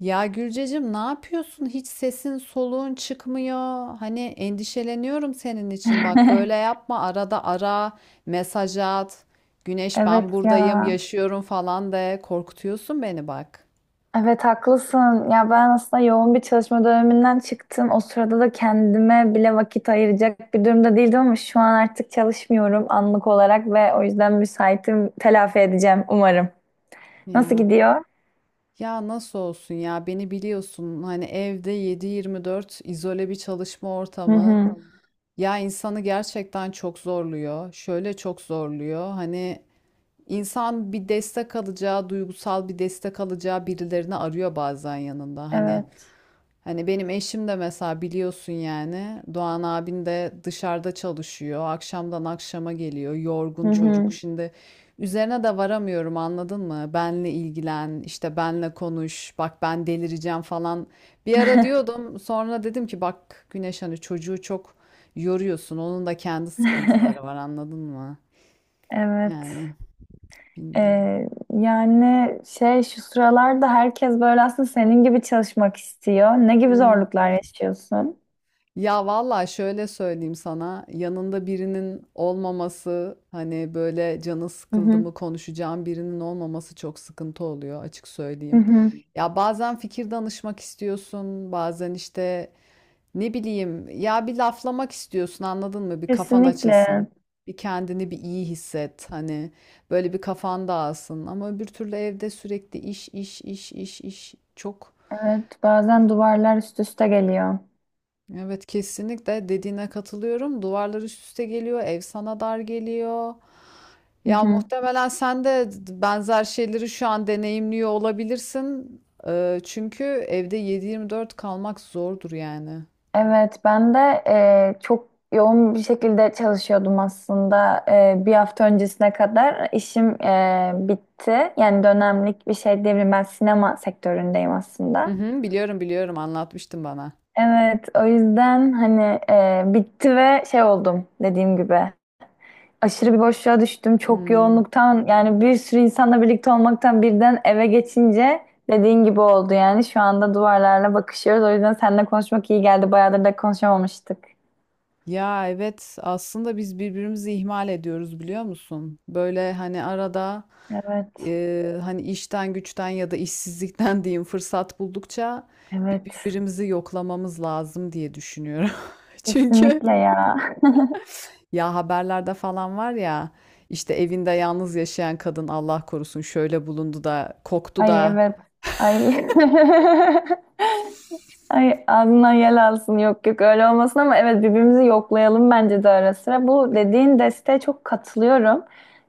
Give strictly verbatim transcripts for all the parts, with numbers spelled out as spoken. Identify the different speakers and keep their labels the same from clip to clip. Speaker 1: Ya Gülcecim, ne yapıyorsun? Hiç sesin soluğun çıkmıyor. Hani endişeleniyorum senin için. Bak böyle yapma. Arada ara, mesaj at. Güneş
Speaker 2: Evet
Speaker 1: ben buradayım,
Speaker 2: ya.
Speaker 1: yaşıyorum falan de. Korkutuyorsun beni bak.
Speaker 2: Evet haklısın. Ya ben aslında yoğun bir çalışma döneminden çıktım. O sırada da kendime bile vakit ayıracak bir durumda değildim ama şu an artık çalışmıyorum anlık olarak ve o yüzden müsaitim. Telafi edeceğim umarım. Nasıl
Speaker 1: Ya.
Speaker 2: gidiyor?
Speaker 1: Ya nasıl olsun ya? Beni biliyorsun. Hani evde yedi yirmi dört izole bir çalışma
Speaker 2: Hı
Speaker 1: ortamı.
Speaker 2: hı.
Speaker 1: Ya insanı gerçekten çok zorluyor. Şöyle çok zorluyor. Hani İnsan bir destek alacağı, duygusal bir destek alacağı birilerini arıyor bazen yanında. Hani
Speaker 2: Evet.
Speaker 1: hani benim eşim de mesela biliyorsun, yani Doğan abin de dışarıda çalışıyor. Akşamdan akşama geliyor.
Speaker 2: Hı
Speaker 1: Yorgun çocuk.
Speaker 2: hı.
Speaker 1: Şimdi üzerine de varamıyorum, anladın mı? Benle ilgilen, işte benle konuş. Bak ben delireceğim falan. Bir ara diyordum. Sonra dedim ki bak Güneş, hani çocuğu çok yoruyorsun. Onun da kendi sıkıntıları var, anladın mı?
Speaker 2: Evet.
Speaker 1: Yani bilmiyorum.
Speaker 2: Ee, yani şey şu sıralarda herkes böyle aslında senin gibi çalışmak istiyor. Ne gibi
Speaker 1: Hmm.
Speaker 2: zorluklar yaşıyorsun?
Speaker 1: Ya valla şöyle söyleyeyim sana, yanında birinin olmaması, hani böyle canı
Speaker 2: Hı
Speaker 1: sıkıldı
Speaker 2: hı.
Speaker 1: mı konuşacağım birinin olmaması çok sıkıntı oluyor, açık
Speaker 2: Hı
Speaker 1: söyleyeyim.
Speaker 2: hı.
Speaker 1: Ya bazen fikir danışmak istiyorsun, bazen işte ne bileyim ya, bir laflamak istiyorsun, anladın mı, bir kafan
Speaker 2: Kesinlikle.
Speaker 1: açılsın. Bir kendini bir iyi hisset, hani böyle bir kafan dağılsın, ama öbür türlü evde sürekli iş iş iş iş iş çok.
Speaker 2: Evet, bazen duvarlar üst üste geliyor.
Speaker 1: Evet, kesinlikle dediğine katılıyorum. Duvarlar üst üste geliyor, ev sana dar geliyor.
Speaker 2: Hı
Speaker 1: Ya
Speaker 2: hı.
Speaker 1: muhtemelen sen de benzer şeyleri şu an deneyimliyor olabilirsin. Ee, çünkü evde yedi yirmi dört kalmak zordur yani.
Speaker 2: Evet, ben de e, çok yoğun bir şekilde çalışıyordum aslında. E, bir hafta öncesine kadar işim e, bitti. Yani dönemlik bir şey diyebilirim. Ben sinema sektöründeyim
Speaker 1: Hı
Speaker 2: aslında.
Speaker 1: hı, biliyorum biliyorum, anlatmıştın bana.
Speaker 2: Evet, o yüzden hani e, bitti ve şey oldum dediğim gibi. Aşırı bir boşluğa düştüm. Çok
Speaker 1: Hmm.
Speaker 2: yoğunluktan yani bir sürü insanla birlikte olmaktan birden eve geçince dediğin gibi oldu yani. Şu anda duvarlarla bakışıyoruz. O yüzden seninle konuşmak iyi geldi. Bayağıdır da konuşamamıştık.
Speaker 1: Ya evet, aslında biz birbirimizi ihmal ediyoruz, biliyor musun? Böyle hani arada
Speaker 2: Evet.
Speaker 1: e, hani işten güçten ya da işsizlikten diyeyim, fırsat buldukça bir-
Speaker 2: Evet.
Speaker 1: birbirimizi yoklamamız lazım diye düşünüyorum. Çünkü
Speaker 2: Kesinlikle ya.
Speaker 1: ya haberlerde falan var ya, işte evinde yalnız yaşayan kadın Allah korusun şöyle bulundu da koktu
Speaker 2: Ay
Speaker 1: da.
Speaker 2: evet. Ay. Ay ağzından yel alsın, yok yok, öyle olmasın ama evet birbirimizi yoklayalım bence de ara sıra. Bu dediğin desteğe çok katılıyorum.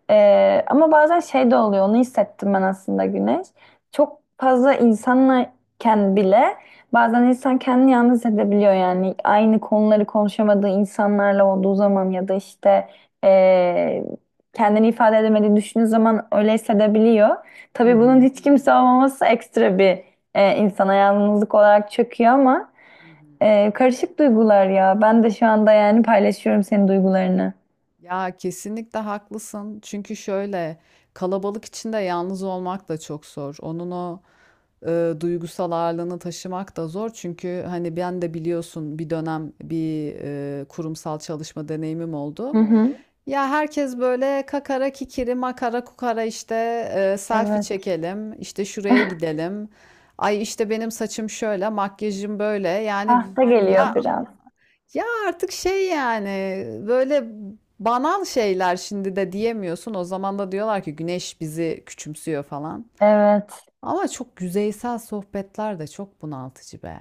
Speaker 2: Ee, ama bazen şey de oluyor, onu hissettim ben aslında Güneş. Çok fazla insanken bile bazen insan kendini yalnız hissedebiliyor yani. Aynı konuları konuşamadığı insanlarla olduğu zaman ya da işte ee, kendini ifade edemediği düşündüğü zaman öyle hissedebiliyor.
Speaker 1: Hı
Speaker 2: Tabii bunun
Speaker 1: hı.
Speaker 2: hiç kimse olmaması ekstra bir e, insana yalnızlık olarak çöküyor ama
Speaker 1: Hı hı.
Speaker 2: e, karışık duygular ya. Ben de şu anda yani paylaşıyorum senin duygularını.
Speaker 1: Ya kesinlikle haklısın. Çünkü şöyle kalabalık içinde yalnız olmak da çok zor. Onun o e, duygusal ağırlığını taşımak da zor. Çünkü hani ben de biliyorsun, bir dönem bir e, kurumsal çalışma deneyimim
Speaker 2: Hı
Speaker 1: oldu.
Speaker 2: hı.
Speaker 1: Ya herkes böyle kakara kikiri makara kukara, işte e, selfie
Speaker 2: Evet.
Speaker 1: çekelim, işte şuraya gidelim. Ay işte benim saçım şöyle, makyajım böyle. Yani
Speaker 2: Ah da
Speaker 1: ya,
Speaker 2: geliyor biraz.
Speaker 1: ya artık şey yani böyle banal şeyler şimdi de diyemiyorsun. O zaman da diyorlar ki Güneş bizi küçümsüyor falan.
Speaker 2: Evet.
Speaker 1: Ama çok yüzeysel sohbetler de çok bunaltıcı be.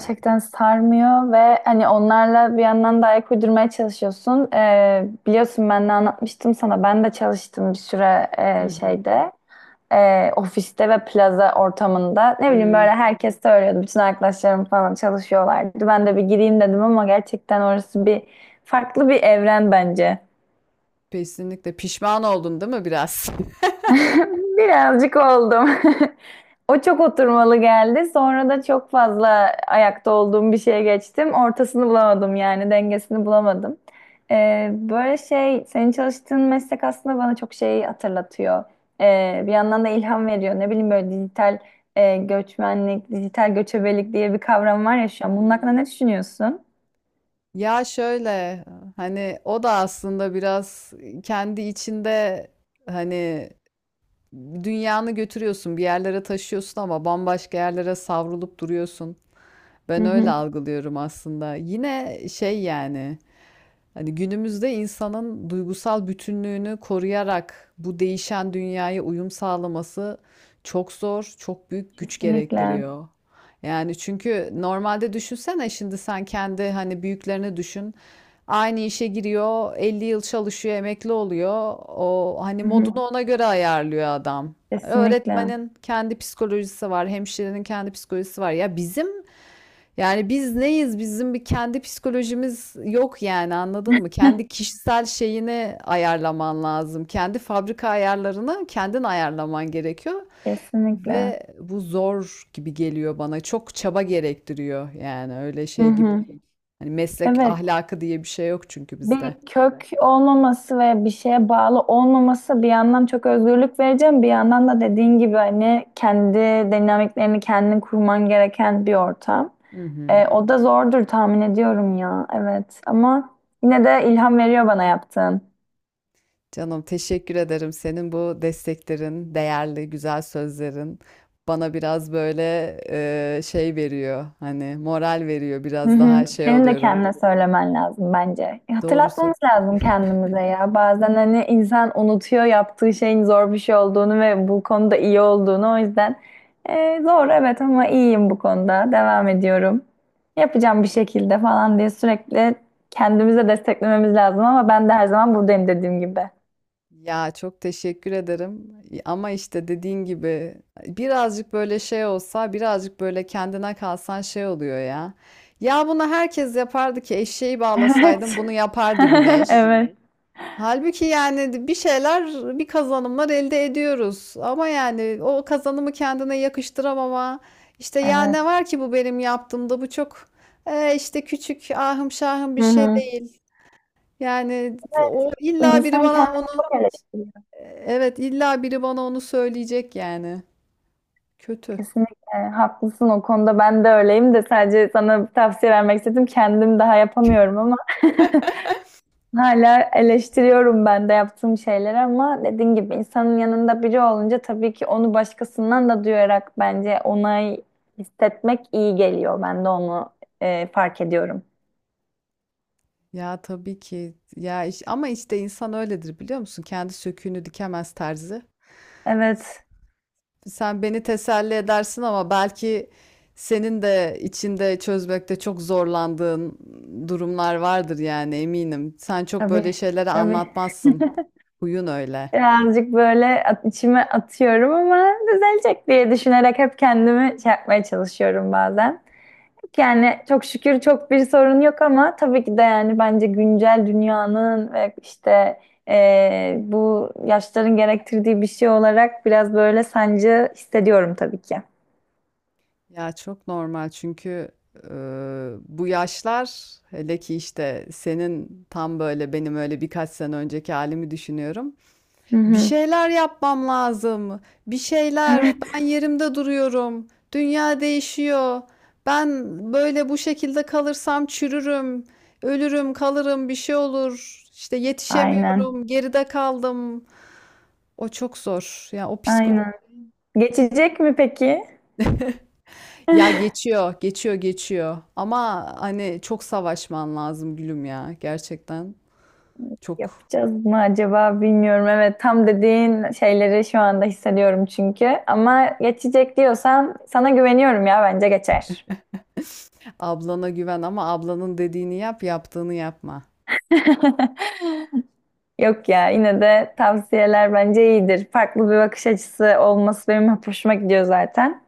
Speaker 1: Yani.
Speaker 2: sarmıyor ve hani onlarla bir yandan da ayak uydurmaya çalışıyorsun. Ee, biliyorsun ben de anlatmıştım sana. Ben de çalıştım bir süre
Speaker 1: Hı
Speaker 2: e,
Speaker 1: hı.
Speaker 2: şeyde. E, ofiste ve plaza ortamında ne bileyim
Speaker 1: Hmm,
Speaker 2: böyle herkes söylüyordu. Bütün arkadaşlarım falan çalışıyorlardı. Ben de bir gireyim dedim ama gerçekten orası bir farklı bir evren bence.
Speaker 1: kesinlikle pişman oldun değil mi biraz?
Speaker 2: Birazcık oldum. O çok oturmalı geldi. Sonra da çok fazla ayakta olduğum bir şeye geçtim. Ortasını bulamadım yani dengesini bulamadım. Ee, böyle şey senin çalıştığın meslek aslında bana çok şey hatırlatıyor. Ee, bir yandan da ilham veriyor. Ne bileyim böyle dijital e, göçmenlik, dijital göçebelik diye bir kavram var ya şu an. Bunun hakkında
Speaker 1: Hmm.
Speaker 2: ne düşünüyorsun?
Speaker 1: Ya şöyle, hani o da aslında biraz kendi içinde, hani dünyanı götürüyorsun, bir yerlere taşıyorsun ama bambaşka yerlere savrulup duruyorsun.
Speaker 2: Hı
Speaker 1: Ben öyle
Speaker 2: hı.
Speaker 1: algılıyorum aslında. Yine şey yani, hani günümüzde insanın duygusal bütünlüğünü koruyarak bu değişen dünyaya uyum sağlaması çok zor, çok büyük güç
Speaker 2: Kesinlikle.
Speaker 1: gerektiriyor. Yani çünkü normalde düşünsene, şimdi sen kendi hani büyüklerini düşün. Aynı işe giriyor, elli yıl çalışıyor, emekli oluyor. O hani
Speaker 2: Hı
Speaker 1: modunu
Speaker 2: hı.
Speaker 1: ona göre ayarlıyor adam.
Speaker 2: Kesinlikle.
Speaker 1: Öğretmenin kendi psikolojisi var, hemşirenin kendi psikolojisi var. Ya bizim, yani biz neyiz? Bizim bir kendi psikolojimiz yok yani, anladın mı? Kendi kişisel şeyini ayarlaman lazım. Kendi fabrika ayarlarını kendin ayarlaman gerekiyor.
Speaker 2: Kesinlikle.
Speaker 1: Ve bu zor gibi geliyor bana. Çok çaba gerektiriyor yani, öyle
Speaker 2: Hı
Speaker 1: şey gibi
Speaker 2: hı.
Speaker 1: değil. Hani meslek
Speaker 2: Evet.
Speaker 1: ahlakı diye bir şey yok çünkü bizde.
Speaker 2: Bir kök olmaması ve bir şeye bağlı olmaması bir yandan çok özgürlük vereceğim, bir yandan da dediğin gibi hani kendi dinamiklerini kendin kurman gereken bir ortam.
Speaker 1: Hı hı.
Speaker 2: Ee, o da zordur tahmin ediyorum ya. Evet ama yine de ilham veriyor bana yaptığın.
Speaker 1: Canım teşekkür ederim. Senin bu desteklerin, değerli, güzel sözlerin bana biraz böyle e, şey veriyor. Hani moral veriyor.
Speaker 2: Hı
Speaker 1: Biraz
Speaker 2: hı.
Speaker 1: daha şey
Speaker 2: Senin de
Speaker 1: oluyorum.
Speaker 2: kendine söylemen lazım bence.
Speaker 1: Doğrusu.
Speaker 2: Hatırlatmamız lazım kendimize ya. Bazen hani insan unutuyor yaptığı şeyin zor bir şey olduğunu ve bu konuda iyi olduğunu. O yüzden e, zor evet ama iyiyim bu konuda. Devam ediyorum. Yapacağım bir şekilde falan diye sürekli kendimize desteklememiz lazım ama ben de her zaman buradayım dediğim gibi.
Speaker 1: Ya çok teşekkür ederim. Ama işte dediğin gibi birazcık böyle şey olsa, birazcık böyle kendine kalsan şey oluyor ya. Ya bunu herkes yapardı ki, eşeği bağlasaydım
Speaker 2: Evet.
Speaker 1: bunu yapardı Güneş.
Speaker 2: Evet.
Speaker 1: Halbuki yani bir şeyler, bir kazanımlar elde ediyoruz. Ama yani o kazanımı kendine yakıştıramama, işte ya
Speaker 2: Evet.
Speaker 1: ne var ki bu benim yaptığımda, bu çok e, işte küçük, ahım şahım bir
Speaker 2: Hı
Speaker 1: şey
Speaker 2: hı.
Speaker 1: değil. Yani
Speaker 2: Evet.
Speaker 1: o illa biri
Speaker 2: İnsan
Speaker 1: bana
Speaker 2: kendini
Speaker 1: onu,
Speaker 2: çok eleştiriyor.
Speaker 1: evet illa biri bana onu söyleyecek yani. Kötü.
Speaker 2: Kesinlikle haklısın o konuda, ben de öyleyim de sadece sana bir tavsiye vermek istedim. Kendim daha yapamıyorum ama hala eleştiriyorum ben de yaptığım şeyleri, ama dediğin gibi insanın yanında biri olunca tabii ki onu başkasından da duyarak bence onay hissetmek iyi geliyor. Ben de onu e, fark ediyorum.
Speaker 1: Ya tabii ki. Ya iş- ama işte insan öyledir, biliyor musun? Kendi söküğünü dikemez terzi.
Speaker 2: Evet,
Speaker 1: Sen beni teselli edersin ama belki senin de içinde çözmekte çok zorlandığın durumlar vardır yani, eminim. Sen çok böyle
Speaker 2: tabii,
Speaker 1: şeyleri
Speaker 2: tabii.
Speaker 1: anlatmazsın. Huyun öyle.
Speaker 2: Birazcık böyle at- içime atıyorum ama düzelecek diye düşünerek hep kendimi şey yapmaya çalışıyorum bazen. Yani çok şükür çok bir sorun yok ama tabii ki de yani bence güncel dünyanın ve işte eee, bu yaşların gerektirdiği bir şey olarak biraz böyle sancı hissediyorum tabii ki.
Speaker 1: Ya çok normal çünkü e, bu yaşlar, hele ki işte senin, tam böyle benim öyle birkaç sene önceki halimi düşünüyorum.
Speaker 2: Hı
Speaker 1: Bir
Speaker 2: hı.
Speaker 1: şeyler yapmam lazım. Bir şeyler.
Speaker 2: Evet.
Speaker 1: Ben yerimde duruyorum. Dünya değişiyor. Ben böyle bu şekilde kalırsam çürürüm. Ölürüm, kalırım, bir şey olur. İşte
Speaker 2: Aynen.
Speaker 1: yetişemiyorum, geride kaldım. O çok zor. Ya o psikolojik.
Speaker 2: Aynen. Geçecek mi peki?
Speaker 1: Ya geçiyor, geçiyor, geçiyor. Ama hani çok savaşman lazım gülüm ya. Gerçekten çok.
Speaker 2: Yapacağız mı acaba bilmiyorum. Evet tam dediğin şeyleri şu anda hissediyorum çünkü. Ama geçecek diyorsan sana güveniyorum ya bence geçer.
Speaker 1: Ablana güven ama ablanın dediğini yap, yaptığını yapma.
Speaker 2: Yok ya yine de tavsiyeler bence iyidir. Farklı bir bakış açısı olması benim hep hoşuma gidiyor zaten.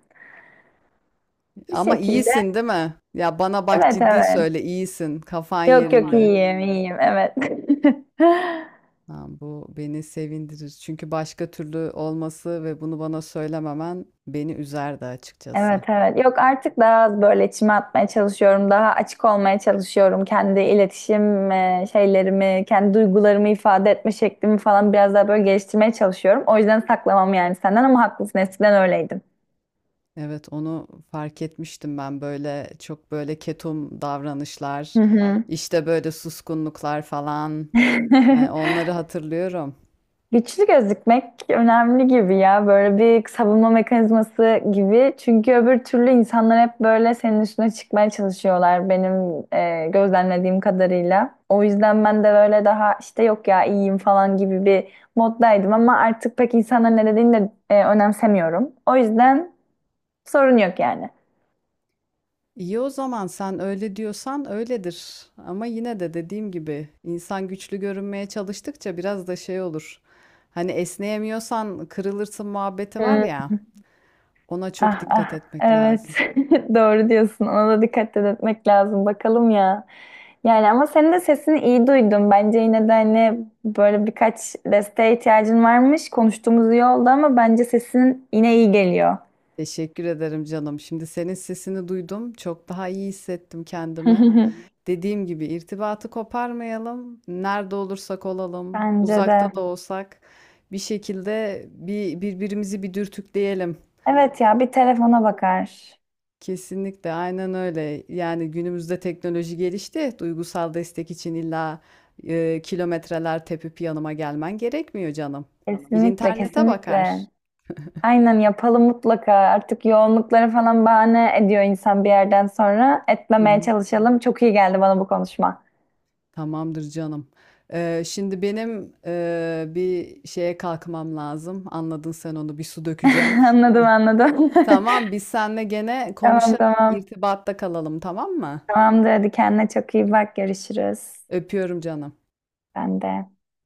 Speaker 2: Bir
Speaker 1: Ama
Speaker 2: şekilde
Speaker 1: iyisin değil mi? Ya bana bak,
Speaker 2: evet,
Speaker 1: ciddi
Speaker 2: evet.
Speaker 1: söyle, iyisin. Kafan
Speaker 2: Yok yok. Tamam.
Speaker 1: yerinde.
Speaker 2: iyiyim iyiyim, evet.
Speaker 1: Ha, bu beni sevindirir. Çünkü başka türlü olması ve bunu bana söylememen beni üzerdi
Speaker 2: Evet,
Speaker 1: açıkçası.
Speaker 2: evet. Yok artık daha az böyle içime atmaya çalışıyorum. Daha açık olmaya çalışıyorum. Kendi iletişim e, şeylerimi, kendi duygularımı ifade etme şeklimi falan biraz daha böyle geliştirmeye çalışıyorum. O yüzden saklamam yani senden, ama haklısın. Eskiden öyleydim.
Speaker 1: Evet, onu fark etmiştim ben, böyle çok böyle ketum
Speaker 2: Hı
Speaker 1: davranışlar,
Speaker 2: hı.
Speaker 1: işte böyle suskunluklar falan. Yani onları hatırlıyorum.
Speaker 2: Güçlü gözükmek önemli gibi ya. Böyle bir savunma mekanizması gibi. Çünkü öbür türlü insanlar hep böyle senin üstüne çıkmaya çalışıyorlar benim e, gözlemlediğim kadarıyla. O yüzden ben de böyle daha işte yok ya iyiyim falan gibi bir moddaydım, ama artık pek insanların ne dediğini de e, önemsemiyorum. O yüzden sorun yok yani.
Speaker 1: İyi, o zaman sen öyle diyorsan öyledir. Ama yine de dediğim gibi, insan güçlü görünmeye çalıştıkça biraz da şey olur. Hani esneyemiyorsan kırılırsın muhabbeti var
Speaker 2: Hmm.
Speaker 1: ya, ona çok
Speaker 2: Ah
Speaker 1: dikkat
Speaker 2: ah,
Speaker 1: etmek
Speaker 2: evet,
Speaker 1: lazım.
Speaker 2: doğru diyorsun, ona da dikkat etmek lazım bakalım ya. Yani ama senin de sesini iyi duydum. Bence yine de hani böyle birkaç desteğe ihtiyacın varmış. Konuştuğumuz iyi oldu ama bence sesin yine iyi geliyor.
Speaker 1: Teşekkür ederim canım. Şimdi senin sesini duydum. Çok daha iyi hissettim kendimi. Dediğim gibi, irtibatı koparmayalım. Nerede olursak olalım,
Speaker 2: Bence
Speaker 1: uzakta
Speaker 2: de.
Speaker 1: da olsak bir şekilde bir birbirimizi bir dürtükleyelim.
Speaker 2: Evet ya, bir telefona bakar.
Speaker 1: Kesinlikle, aynen öyle. Yani günümüzde teknoloji gelişti. Duygusal destek için illa e, kilometreler tepip yanıma gelmen gerekmiyor canım. Bir
Speaker 2: Kesinlikle,
Speaker 1: internete bakar.
Speaker 2: kesinlikle. Aynen, yapalım mutlaka. Artık yoğunlukları falan bahane ediyor insan bir yerden sonra.
Speaker 1: Hı
Speaker 2: Etmemeye
Speaker 1: hı.
Speaker 2: çalışalım. Çok iyi geldi bana bu konuşma.
Speaker 1: Tamamdır canım. Ee, şimdi benim e, bir şeye kalkmam lazım. Anladın sen onu, bir su dökeceğim.
Speaker 2: Anladım, anladım.
Speaker 1: Tamam, biz seninle gene
Speaker 2: Tamam,
Speaker 1: konuşalım,
Speaker 2: tamam.
Speaker 1: irtibatta kalalım tamam mı?
Speaker 2: Tamamdır, hadi kendine çok iyi bak, görüşürüz.
Speaker 1: Öpüyorum canım.
Speaker 2: Ben de.